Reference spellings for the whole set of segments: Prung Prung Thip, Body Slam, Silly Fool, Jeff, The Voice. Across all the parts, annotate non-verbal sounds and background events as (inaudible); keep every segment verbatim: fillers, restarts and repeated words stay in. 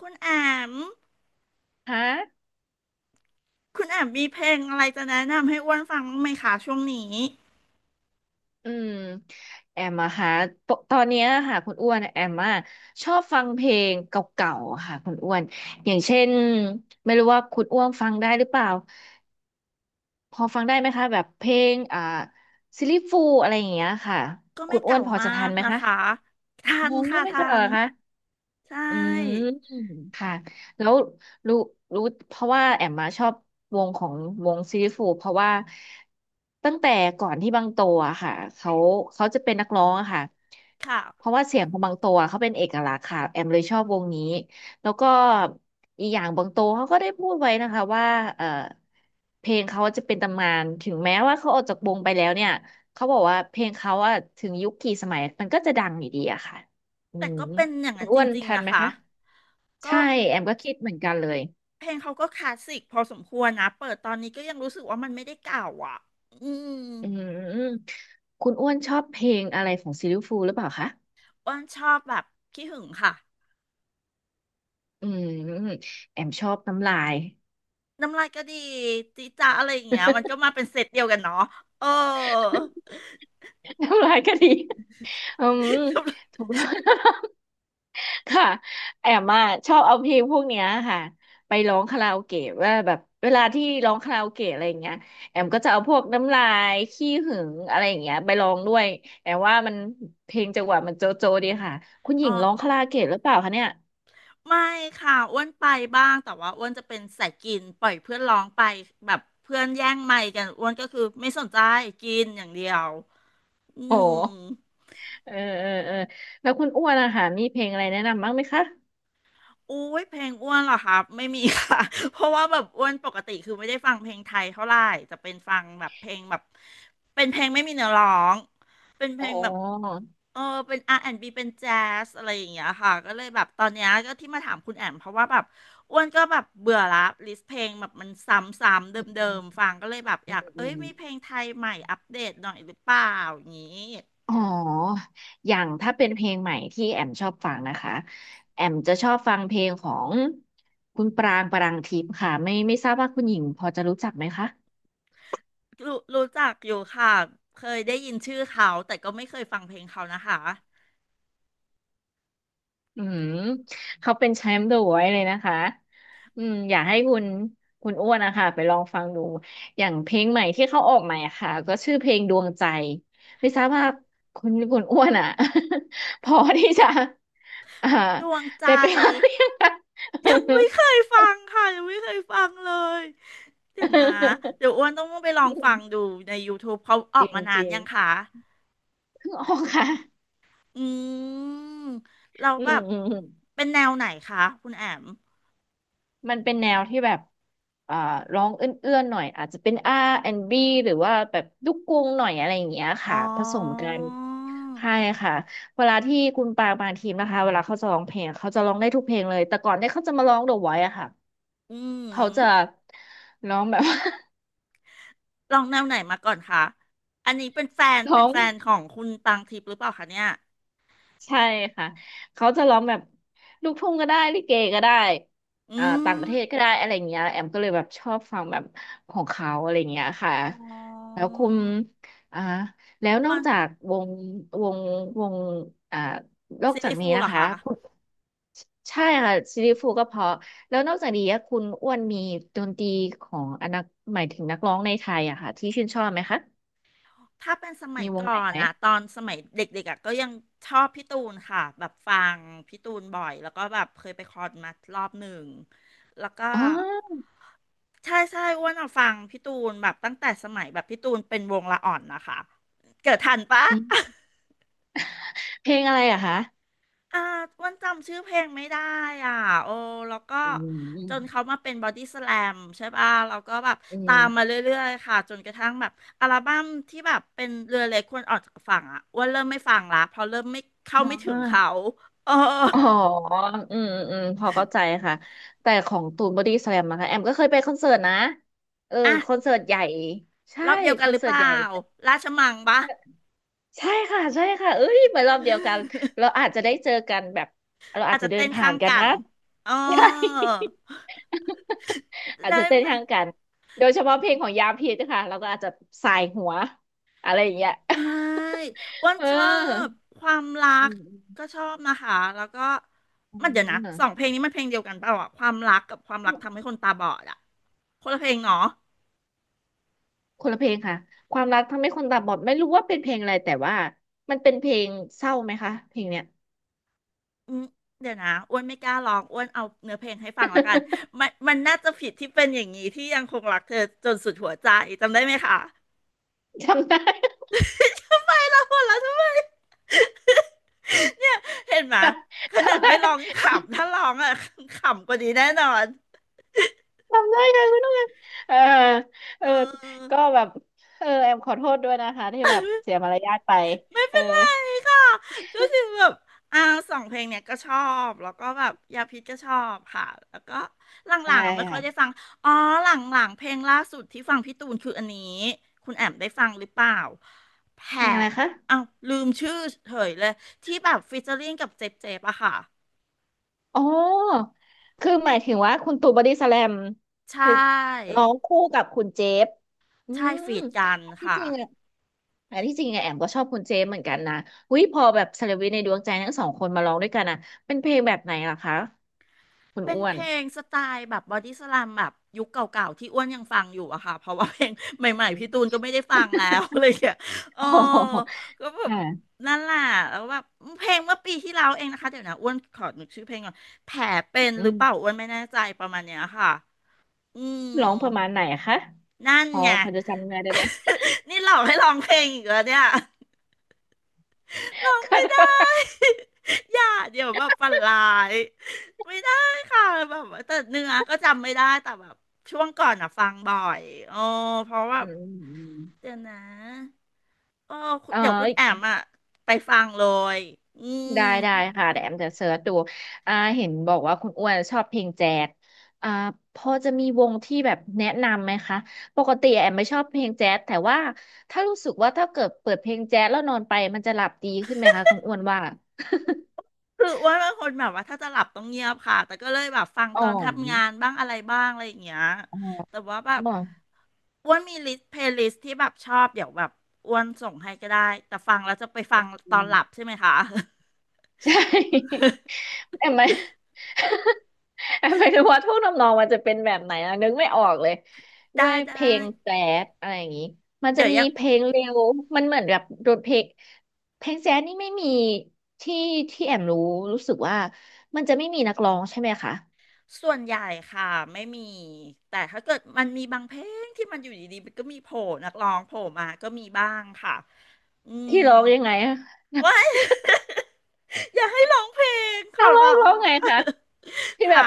คุณแอมฮะคุณแอมมีเพลงอะไรจะแนะนำให้อ้วนฟังบ้างไหมคะช่วงนี้อืมแอมอะค่ะปกตอนเนี้ยค่ะคุณอ้วนแอมอะชอบฟังเพลงเก่าๆอะค่ะคุณอ้วน อย่างเช่นไม่รู้ว่าคุณอ้วนฟังได้หรือเปล่าพอฟังได้ไหมคะแบบเพลงอ่าซิลลี่ฟูลอะไรอย่างเงี้ยค่ะก็คุไม่ณอ้วเก่านพอมาจะทักนไหมนะคะคะทังนงก็ค่ะไม่เจทัอเหรนอคะใชอืม ่แล้วรู้รู้เพราะว่าแอมมาชอบวงของวงซีรีสฟูเพราะว่าตั้งแต่ก่อนที่บางโตอะค่ะเขาเขาจะเป็นนักร้องอะค่ะค่ะเพราะว่าเสียงของบางโตอะเขาเป็นเอกลักษณ์ค่ะแอมเลยชอบวงนี้แล้วก็อีกอย่างบางโตเขาก็ได้พูดไว้นะคะว่าเออเพลงเขาจะเป็นตำนานถึงแม้ว่าเขาออกจากวงไปแล้วเนี่ยเขาบอกว่าเพลงเขาอะถึงยุคกี่สมัยมันก็จะดังอยู่ดีอะค่ะอืแต่มก็เป็นอย่างคุนั้ณนจอ้วนริงทัๆนนะไหมคะคะ ก็ใช่แอมก็คิดเหมือนกันเลยเพลงเขาก็คลาสสิกพอสมควรนะเปิดตอนนี้ก็ยังรู้สึกว่ามันไม่ได้เก่าอ่ะอืมอืมคุณอ้วนชอบเพลงอะไรของซิลลิฟูลหรือเปล่าคะอ้วนชอบแบบขี้หึงค่ะอืมแอมชอบน้ำลาย น้ำลายก็ดีจีจ้าอะไรอย่างเงี้ยมันก็ (laughs) มาเป็นเซตเดียวกันเนาะเออ น้ำลายก็ดีอืมถูก (laughs) (laughs) ค่ะแอมอ่ะชอบเอาเพลงพวกเนี้ยค่ะไปร้องคาราโอเกะว่าแบบเวลาที่ร้องคาราโอเกะอะไรอย่างเงี้ยแอมก็จะเอาพวกน้ำลายขี้หึงอะไรอย่างเงี้ยไปร้องด้วยแอมว่ามันเพลงจังหวะมันโจโจดีค่ะคุณหญิอ๋อ งร้องคาราโอเกะหรือเปล่าคะเนี่ยไม่ค่ะอ้วนไปบ้างแต่ว่าอ้วนจะเป็นสายกินปล่อยเพื่อนร้องไปแบบเพื่อนแย่งไมค์กันอ้วนก็คือไม่สนใจกินอย่างเดียวอืโอ้ ม เออเออเออแล้วคุณอ้วนอะค่ะมีเพลงอะไรแนะนำบ้างไหมคะอุ้ยเพลงอ้วนเหรอครับไม่มีค่ะ (laughs) เพราะว่าแบบอ้วนปกติคือไม่ได้ฟังเพลงไทยเท่าไหร่จะเป็นฟังแบบเพลงแบบเป็นเพลงไม่มีเนื้อร้องเป็นเพอ๋ลงอแบบเออเป็นอาร์แอนด์บ b เป็นแจ๊สอะไรอย่างเงี้ยค่ะก็เลยแบบตอนเนี้ยก็ที่มาถามคุณแอมเพราะว่าแบบอ้วนก็แบบเบื่อละลิสต์เพลงแบบมันซ้ำๆเดิอืมๆมฟังก็เลยแบบอยากอืเอ้ยมมีเพลงไทยใหม่อัปเดตหน่อยหรือเปล่าอย่างงี้อ๋ออย่างถ้าเป็นเพลงใหม่ที่แอมชอบฟังนะคะแอมจะชอบฟังเพลงของคุณปรางปรังทิพย์ค่ะไม่ไม่ทราบว่าคุณหญิงพอจะรู้จักไหมคะ รู้รู้จักอยู่ค่ะเคยได้ยินชื่อเขาแต่ก็ไม่เคยฟังเพลงเขานะคะ อืมเขาเป็นแชมป์เดอะไว้์เลยนะคะอืมอยากให้คุณคุณอ้วนนะคะไปลองฟังดูอย่างเพลงใหม่ที่เขาออกใหม่อะค่ะก็ชื่อเพลงดวงใจไม่ทราบว่าคุณคุณอ้วนอ่ะ (laughs) พอที่จะอ่าดวงใจได้ไปฟังหรือยังคะ ยังไม่เคยฟังค่ะยังไม่เคยฟังเลยเดี๋ยวนะเดี๋ยวอ้วนต้องไปลองฟังดูใน YouTube เขาอ (laughs) จอกริงมาจนานริงยังคะเพิ่งออกค่ะอืมเราแล้อืวแบมบอืม เป็นแนวไหนคะคุณแอมมันเป็นแนวที่แบบ อ่า ร้องเอื้อนๆหน่อยอาจจะเป็น อาร์ แอนด์ บี หรือว่าแบบลูกกรุงหน่อยอะไรอย่างเงี้ยอ๋ค่ะ อผสมกันใช่ค่ะ เวลาที่คุณปางปางทีมนะคะเวลาเขาจะร้องเพลงเขาจะร้องได้ทุกเพลงเลย แต่ก่อนเนี่ยเขาจะมาร้อง The Voice อะค่ะ อืเขามจะร้องแบบ ลองแนวไหนมาก่อนคะอันนี้เป็นแฟน (laughs) เป็ร้นอง แฟนของคุณปังทิพย์หรือเปล่าคะเนี่ยใช่ค่ะเขาจะร้องแบบลูกทุ่งก็ได้ลิเกก็ได้อือ่าต่างปมระเทศก็ได้อะไรเงี้ยแอมก็เลยแบบชอบฟังแบบของเขาอะไรเงี้ยค่ะอ๋แล้อวคุณอ่าแล้วนอ้อวกนจากวงวงวงอ่านอกซีจากรีส์นี้ฟูลเหนะรอคะคะ คุณใช่ค่ะซีรีส์ฟูก็เพราะแล้วนอกจากนี้อะคุณอ้วนมีดนตรีของอนักหมายถึงนักร้องในไทยอะค่ะที่ชื่นชอบไหมคะถ้าเป็นสมัมียวงไหนก่อนไหมอะตอนสมัยเด็กๆอะก็ยังชอบพี่ตูนค่ะแบบฟังพี่ตูนบ่อยแล้วก็แบบเคยไปคอนมารอบหนึ่งแล้วก็อ๋อใช่ใช่อ้วนอะฟังพี่ตูนแบบตั้งแต่สมัยแบบพี่ตูนเป็นวงละอ่อนนะคะเกิดทันปะ อืมเพลงอะไรอะคะอ่าอ้วันจำชื่อเพลงไม่ได้อ่ะโอ้ แล้วก็อืจนเขาม มาเป็นบอดี้สแลมใช่ป่ะเราก็แบบอืตามมาเรมื่อยๆค่ะ จนกระทั่งแบบอัลบั้มที่แบบเป็นเรือเล็กควรออกจากฝั่งอ่ะอ้วันเริ่มไม่ฟังละเพราะเริ่มไม่อเข้าไม่ถึ๋งเขาอเอออ๋ออืม อืมพอเข้าใจค่ะ แต่ของตูนบอดี้สแลมนะคะแอมก็เคยไปคอนเสิร์ตนะเอออ่ะคอนเสิร์ตใหญ่ใช่รอบเดียวคกันอหนรือเสิเปร์ตล่า ใหญ่ราชมังปะ ใช่ค่ะใช่ค่ะเอ้ยเหมือนรอบเดียวกันเราอาจจะได้เจอกันแบบเรา (laughs) อาอาจจจะจะเดิเต้นนผ่าข้านงกันกันนะ อ๋อ (laughs) ใช่อาจได้จะเต้นไหม ข้างกันโดยเฉพาะเพลงของยาพิษนะคะเราก็อาจจะสายหัวอะไรอย่างเงี้ย เอ้ยอ้ว (laughs) นเออชอบความรัอืกมก็ชอบนะคะ แล้วก็อืมันเดี๋ยวนะมสองเพลงนี้มันเพลงเดียวกันเปล่าอะความรักกับความรัอืกม ทำให้คนตาบอดอะคนละเพลงเนาะคนละเพลงค่ะความรักทำให้คนตาบอดไม่รู้ว่าเป็นเพลงอะไรแต่ว่ามันเป็นเพลงเศร้าไหมคะเพลงเนี้ย อืมเดี๋ยวนะอ้วนไม่กล้าร้องอ้วนเอาเนื้อเพลงให้ฟังแล้วกัน (laughs) มันมันน่าจะผิดที่เป็นอย่างนี้ที่ยังคงรักเธอจนสุดหัวใจจำได้ไหมคะ จำได้ (laughs) ทำไมล่ะหัวเราะทำไมเห็นไหมขจำนาดได้ไม่ร้องยังขำถ้าร้องอะขำกว่านี้แน่นอนจำได้ค่ะคุณนุ่นเออเอเออก็อ แบบเออแอมขอโทษด้วยนะคะที่แบบเสียมารยาทไปไม่เออเป็นไรค่ะก็คือแบบอ่าสองเพลงเนี่ยก็ชอบ แล้วก็แบบยาพิษก็ชอบค่ะแล้วก็หใช่ลังๆอ่ะไม่ค่อยค่ะได้ฟังอ๋อหลังๆเพลงล่าสุดที่ฟังพี่ตูนคืออันนี้คุณแอมได้ฟังหรือเปล่าแผเพลลงอะไรคะอ้าวลืมชื่อเฉยเลยที่แบบฟีเจอริ่งกับเจ๊บๆอะค่ะอ๋อคือหมายถึงว่าคุณตู่บอดี้สแลมใช่คือร้องคู่กับคุณเจฟอืใช่มฟีดกันที่ค่ะ จริงอะ แต่ที่จริงอะแอมก็ชอบคุณเจมส์เหมือนกันนะอุ้ยพอแบบเซเลบริตในดวงใจทั้งสองคนมาร้องด้วยกันนะเป็นเพลงแบบไหนล่ะคะคุณเป็นอ้วเพน ล (laughs) งสไตล์แบบบอดี้สแลมแบบยุคเก่าๆที่อ้วนยังฟังอยู่อะค่ะเพราะว่าเพลงใหม่อืๆมพี่ตูนก็ไม่ได้ฟังแล้ว (laughs) อะไรอย่างเงี้ยเออโอ๋อก็แบบค่ะนั่นแหละแล้วแบบเพลงเมื่อปีที่แล้วเองนะคะเดี๋ยวนะอ้วนขอนึกชื่อเพลงก่อนแผลเป็นอืหรือมเปล่าอ้วนไม่แน่ใจประมาณเนี้ยค่ะอืมร้องประมาณไหนอะคะนั่นอ๋อไง พอจะจำเนื้อได้ไหม (laughs) นี่หลอกให้ร้องเพลงอีกแล้วเนี่ย ร้อ (laughs) งค่ไม่ได้ ะ (laughs) อย่าเดี๋ยวแบบฝันร้ายไม่ได้ค่ะแบบว่าแต่เนื้อก็จำไม่ได้แต่แบบช่วงก่อนอ่ะฟังบ่อยอ๋อเพราะว่าอืมอืม (laughs) อืมเดี๋ยวนะอ๋อคุณเอเดี๋ยวคุณแออ มอ่ะไปฟังเลยอืม ได้ได้ค่ะเดี๋ยวแอมจะเสิร์ชดูอ่าเห็นบอกว่าคุณอ้วนชอบเพลงแจ๊สอ่าพอจะมีวงที่แบบแนะนำไหมคะ ปกติแอมไม่ชอบเพลงแจ๊สแต่ว่าถ้ารู้สึกว่าถ้าเกิดเปิดเพลงแจ๊สแล้วนอนไปมันจะหลับดีขึ้นไหมคะคุณอ้วนว่าคืออ้วนเป็นคนแบบว่าถ้าจะหลับต้องเงียบค่ะแต่ก็เลยแบบฟังอ๋ตออนทำงานบ้างอะไรบ้างอะไรอย่างเงี้ยอ๋แต่ว่าแบบอออ้วนมีลิสต์เพลย์ลิสต์ที่แบบชอบเดี๋ยวแบบอ้วนส่งให้ก็ได้แต่ฟังแล้วจะไปอฟังตอือนม หลับใช่ไหมคะ (laughs) ใช่ (laughs) แอมไม่ (laughs) หมายถึงว่าท่วงทำนองมันจะเป็นแบบไหนอะนึกไม่ออกเลย (laughs) ด้วได้ยเพลได้งแจ๊สอะไรอย่างนี้มันจะเดี๋ยวมียังเพลงเร็วมันเหมือนแบบโดนเพลงเพลงแจ๊สนี่ไม่มีที่ที่แอมรู้รู้สึกว่ามันจะไม่มีนักร้องใช่ไหมคะส่วนใหญ่ค่ะไม่มีแต่ถ้าเกิดมันมีบางเพลงที่มันอยู่ดีๆมันก็มีโผล่นักร้องโผล่มาก็มีบ้างค่ะอืมที่ร้องยังไงอะว้าย (laughs) อย่าให้ร้องเพลงขนัอกร้อร้งอร้องง ไงคะ (laughs) ที่แบค่ะ บ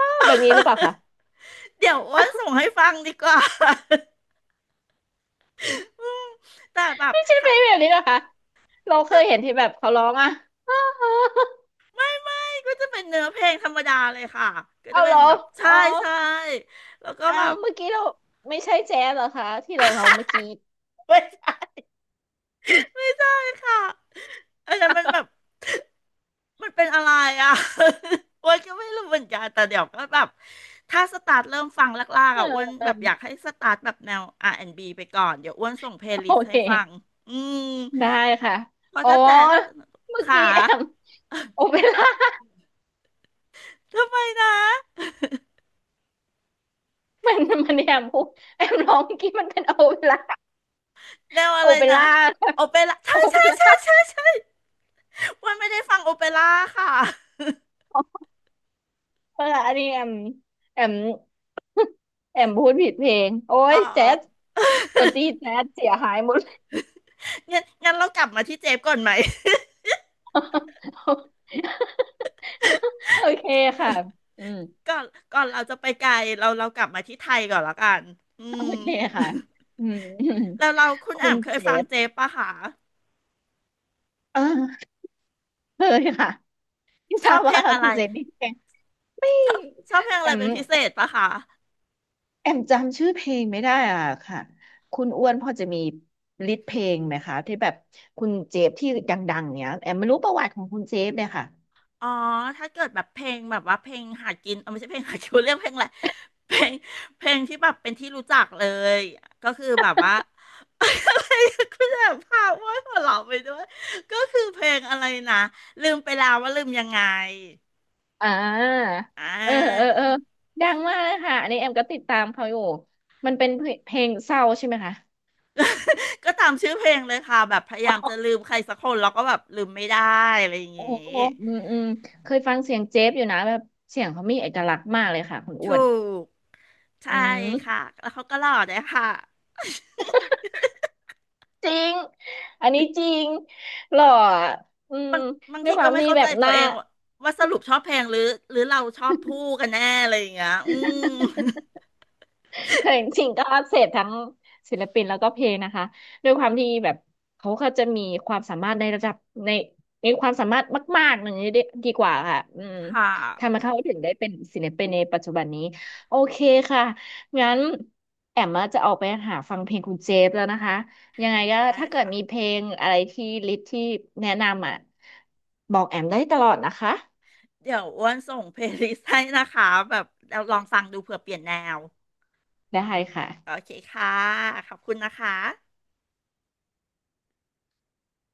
(laughs) แบบนี้หรือเปล่าคะเดี๋ยวอ้วนส่งให้ฟังดีกว่า (laughs) อืมแต่แบบไม่ใช่เพถ้าลงแบบนี้นะคะเราเคยเห็นที่แบบเขาร้องอะ (laughs) ไม่ไม่ก็จะเป็นเนื้อเพลงธรรมดาเลยค่ะก็จะเอาเหเป็รนอแบบอ๋ใช่อ ใช่แล้วก็อ้าแบวบ เมื่อกี้เราไม่ใช่แจ๊สเหรอคะที่เราร้องเมื่อกี้ (laughs) ไม่ใช่ค่ะอันนั้นมันแบบมันเป็นอะไรอ่ะ (laughs) อ้วนก็ไม่รู้เหมือนกันแต่เดี๋ยวก็แบบถ้าสตาร์ทเริ่มฟังลากเอๆออ่ะอ้วนเออแบบอยากให้สตาร์ทแบบแนว อาร์ แอนด์ บี ไปก่อนเดี๋ยวอ้วนส่งเพลย์ลิโอสต์เคให้ฟังอืมได้ค่ะเพราะอ๋อถ้าแจ๊สเมื่อขา กี้แอมโอเปร่า ทำไมนะ (laughs) มันมันแอมพูดแอมร้องเมื่อกี้มันเป็นโอเปร่าแนวอะโอไรเปนะร่าค่ะโอเปร่าใช่โอเปใช่รใช่่าใช่ใช่วันไม่ได้ฟังโอเปร่าค่ะเอเอันนี้แอมแอมแอมพูดผิดเพลงโอ้อ๋ยอแจ๊สดนตรีแจ๊สเสียหายหมด งั้นงั้นเรากลับมาที่เจฟก่อนไหม (laughs) โอเคค่ะอืม (laughs) ก่อนก่อนเราจะไปไกลเราเรากลับมาที่ไทยก่อนละกันอืโอม เคค่ะ (laughs) อืมแล้วเราคุณคุแอ่ณมเคยเจฟังฟเจฟปะคะเออเคยค่ะที่ชทราอบบเพลว่างอะคุไรณเจฟนี่เพลงชอบชอบเพลงแออะไรมเป็นพิเศษปะคะ แอมจำชื่อเพลงไม่ได้อ่ะค่ะคุณอ้วนพอจะมีลิสต์เพลงไหมคะที่แบบคุณเจฟที่ดังๆเนี้ยแอมไม่รู้ประวัติของคุณเจฟเลยค่ะอ๋อถ้าเกิดแบบเพลงแบบว่าเพลงหากินเออไม่ใช่เพลงหากิน (laughs) เรียกเพลงอะไรเพลงเพลงที่แบบเป็นที่รู้จักเลยก็คือแบบว่า (laughs) อะไรคุณแบบพาว่าหัวเราะไปด้วยก็คือเพลงอะไรนะลืมไปแล้วว่าลืมยังไงอ่าอ่เออเออา เออดังมากเลยค่ะอันนี้แอมก็ติดตามเขาอยู่ มันเป็นเพลงเพลงเศร้าใช่ไหมคะ (laughs) ก็ตามชื่อเพลงเลยค่ะแบบพยายามจะลืมใครสักคนแล้วก็แบบลืมไม่ได้อะไรอย่างโอ้งี้โหอืมอืมเคยฟังเสียงเจฟอยู่นะแบบเสียงเขามีเอกลักษณ์มากเลยค่ะคุณอ้ถูวน กอืใช่ค่ะมแล้วเขาก็หล่อด้วยค่ะ จริงอันนี้จริงหล่ออ่ะอืมบางด้วทียคก็วามไม่ที่เข้าแบใจบหตัวน้า เองว่าว่าสรุปชอบเพลงหรือหรือเราชอบผู้กันแน่อะไรอย่างเงี้ยอืม แต่จริงๆก็เสพทั้งศิลปินแล้วก็เพลงนะคะด้วยความที่แบบเขาก็จะมีความสามารถในระดับในมีความสามารถมากๆหนึ่างนี้ดีดีกว่าค่ะอืม (laughs) ค่ทำให้ะเขาถึงได้เป็นศิลปินในปัจจุบันนี้โอเคค่ะงั้นแอมมาจะออกไปหาฟังเพลงคุณเจฟแล้วนะคะยังไงก็ได้ถ้าเกิดค่ะ มีเพลงอะไรที่ลิสต์ที่แนะนำอ่ะบอกแอมได้ตลอดนะคะเดี๋ยวอ้วนส่งเพลย์ลิสต์ให้นะคะแบบเราลองฟังดูเผื่อเปลี่ยนแนว ได้ค่ะโอเคค่ะ ขอบคุณนะคะ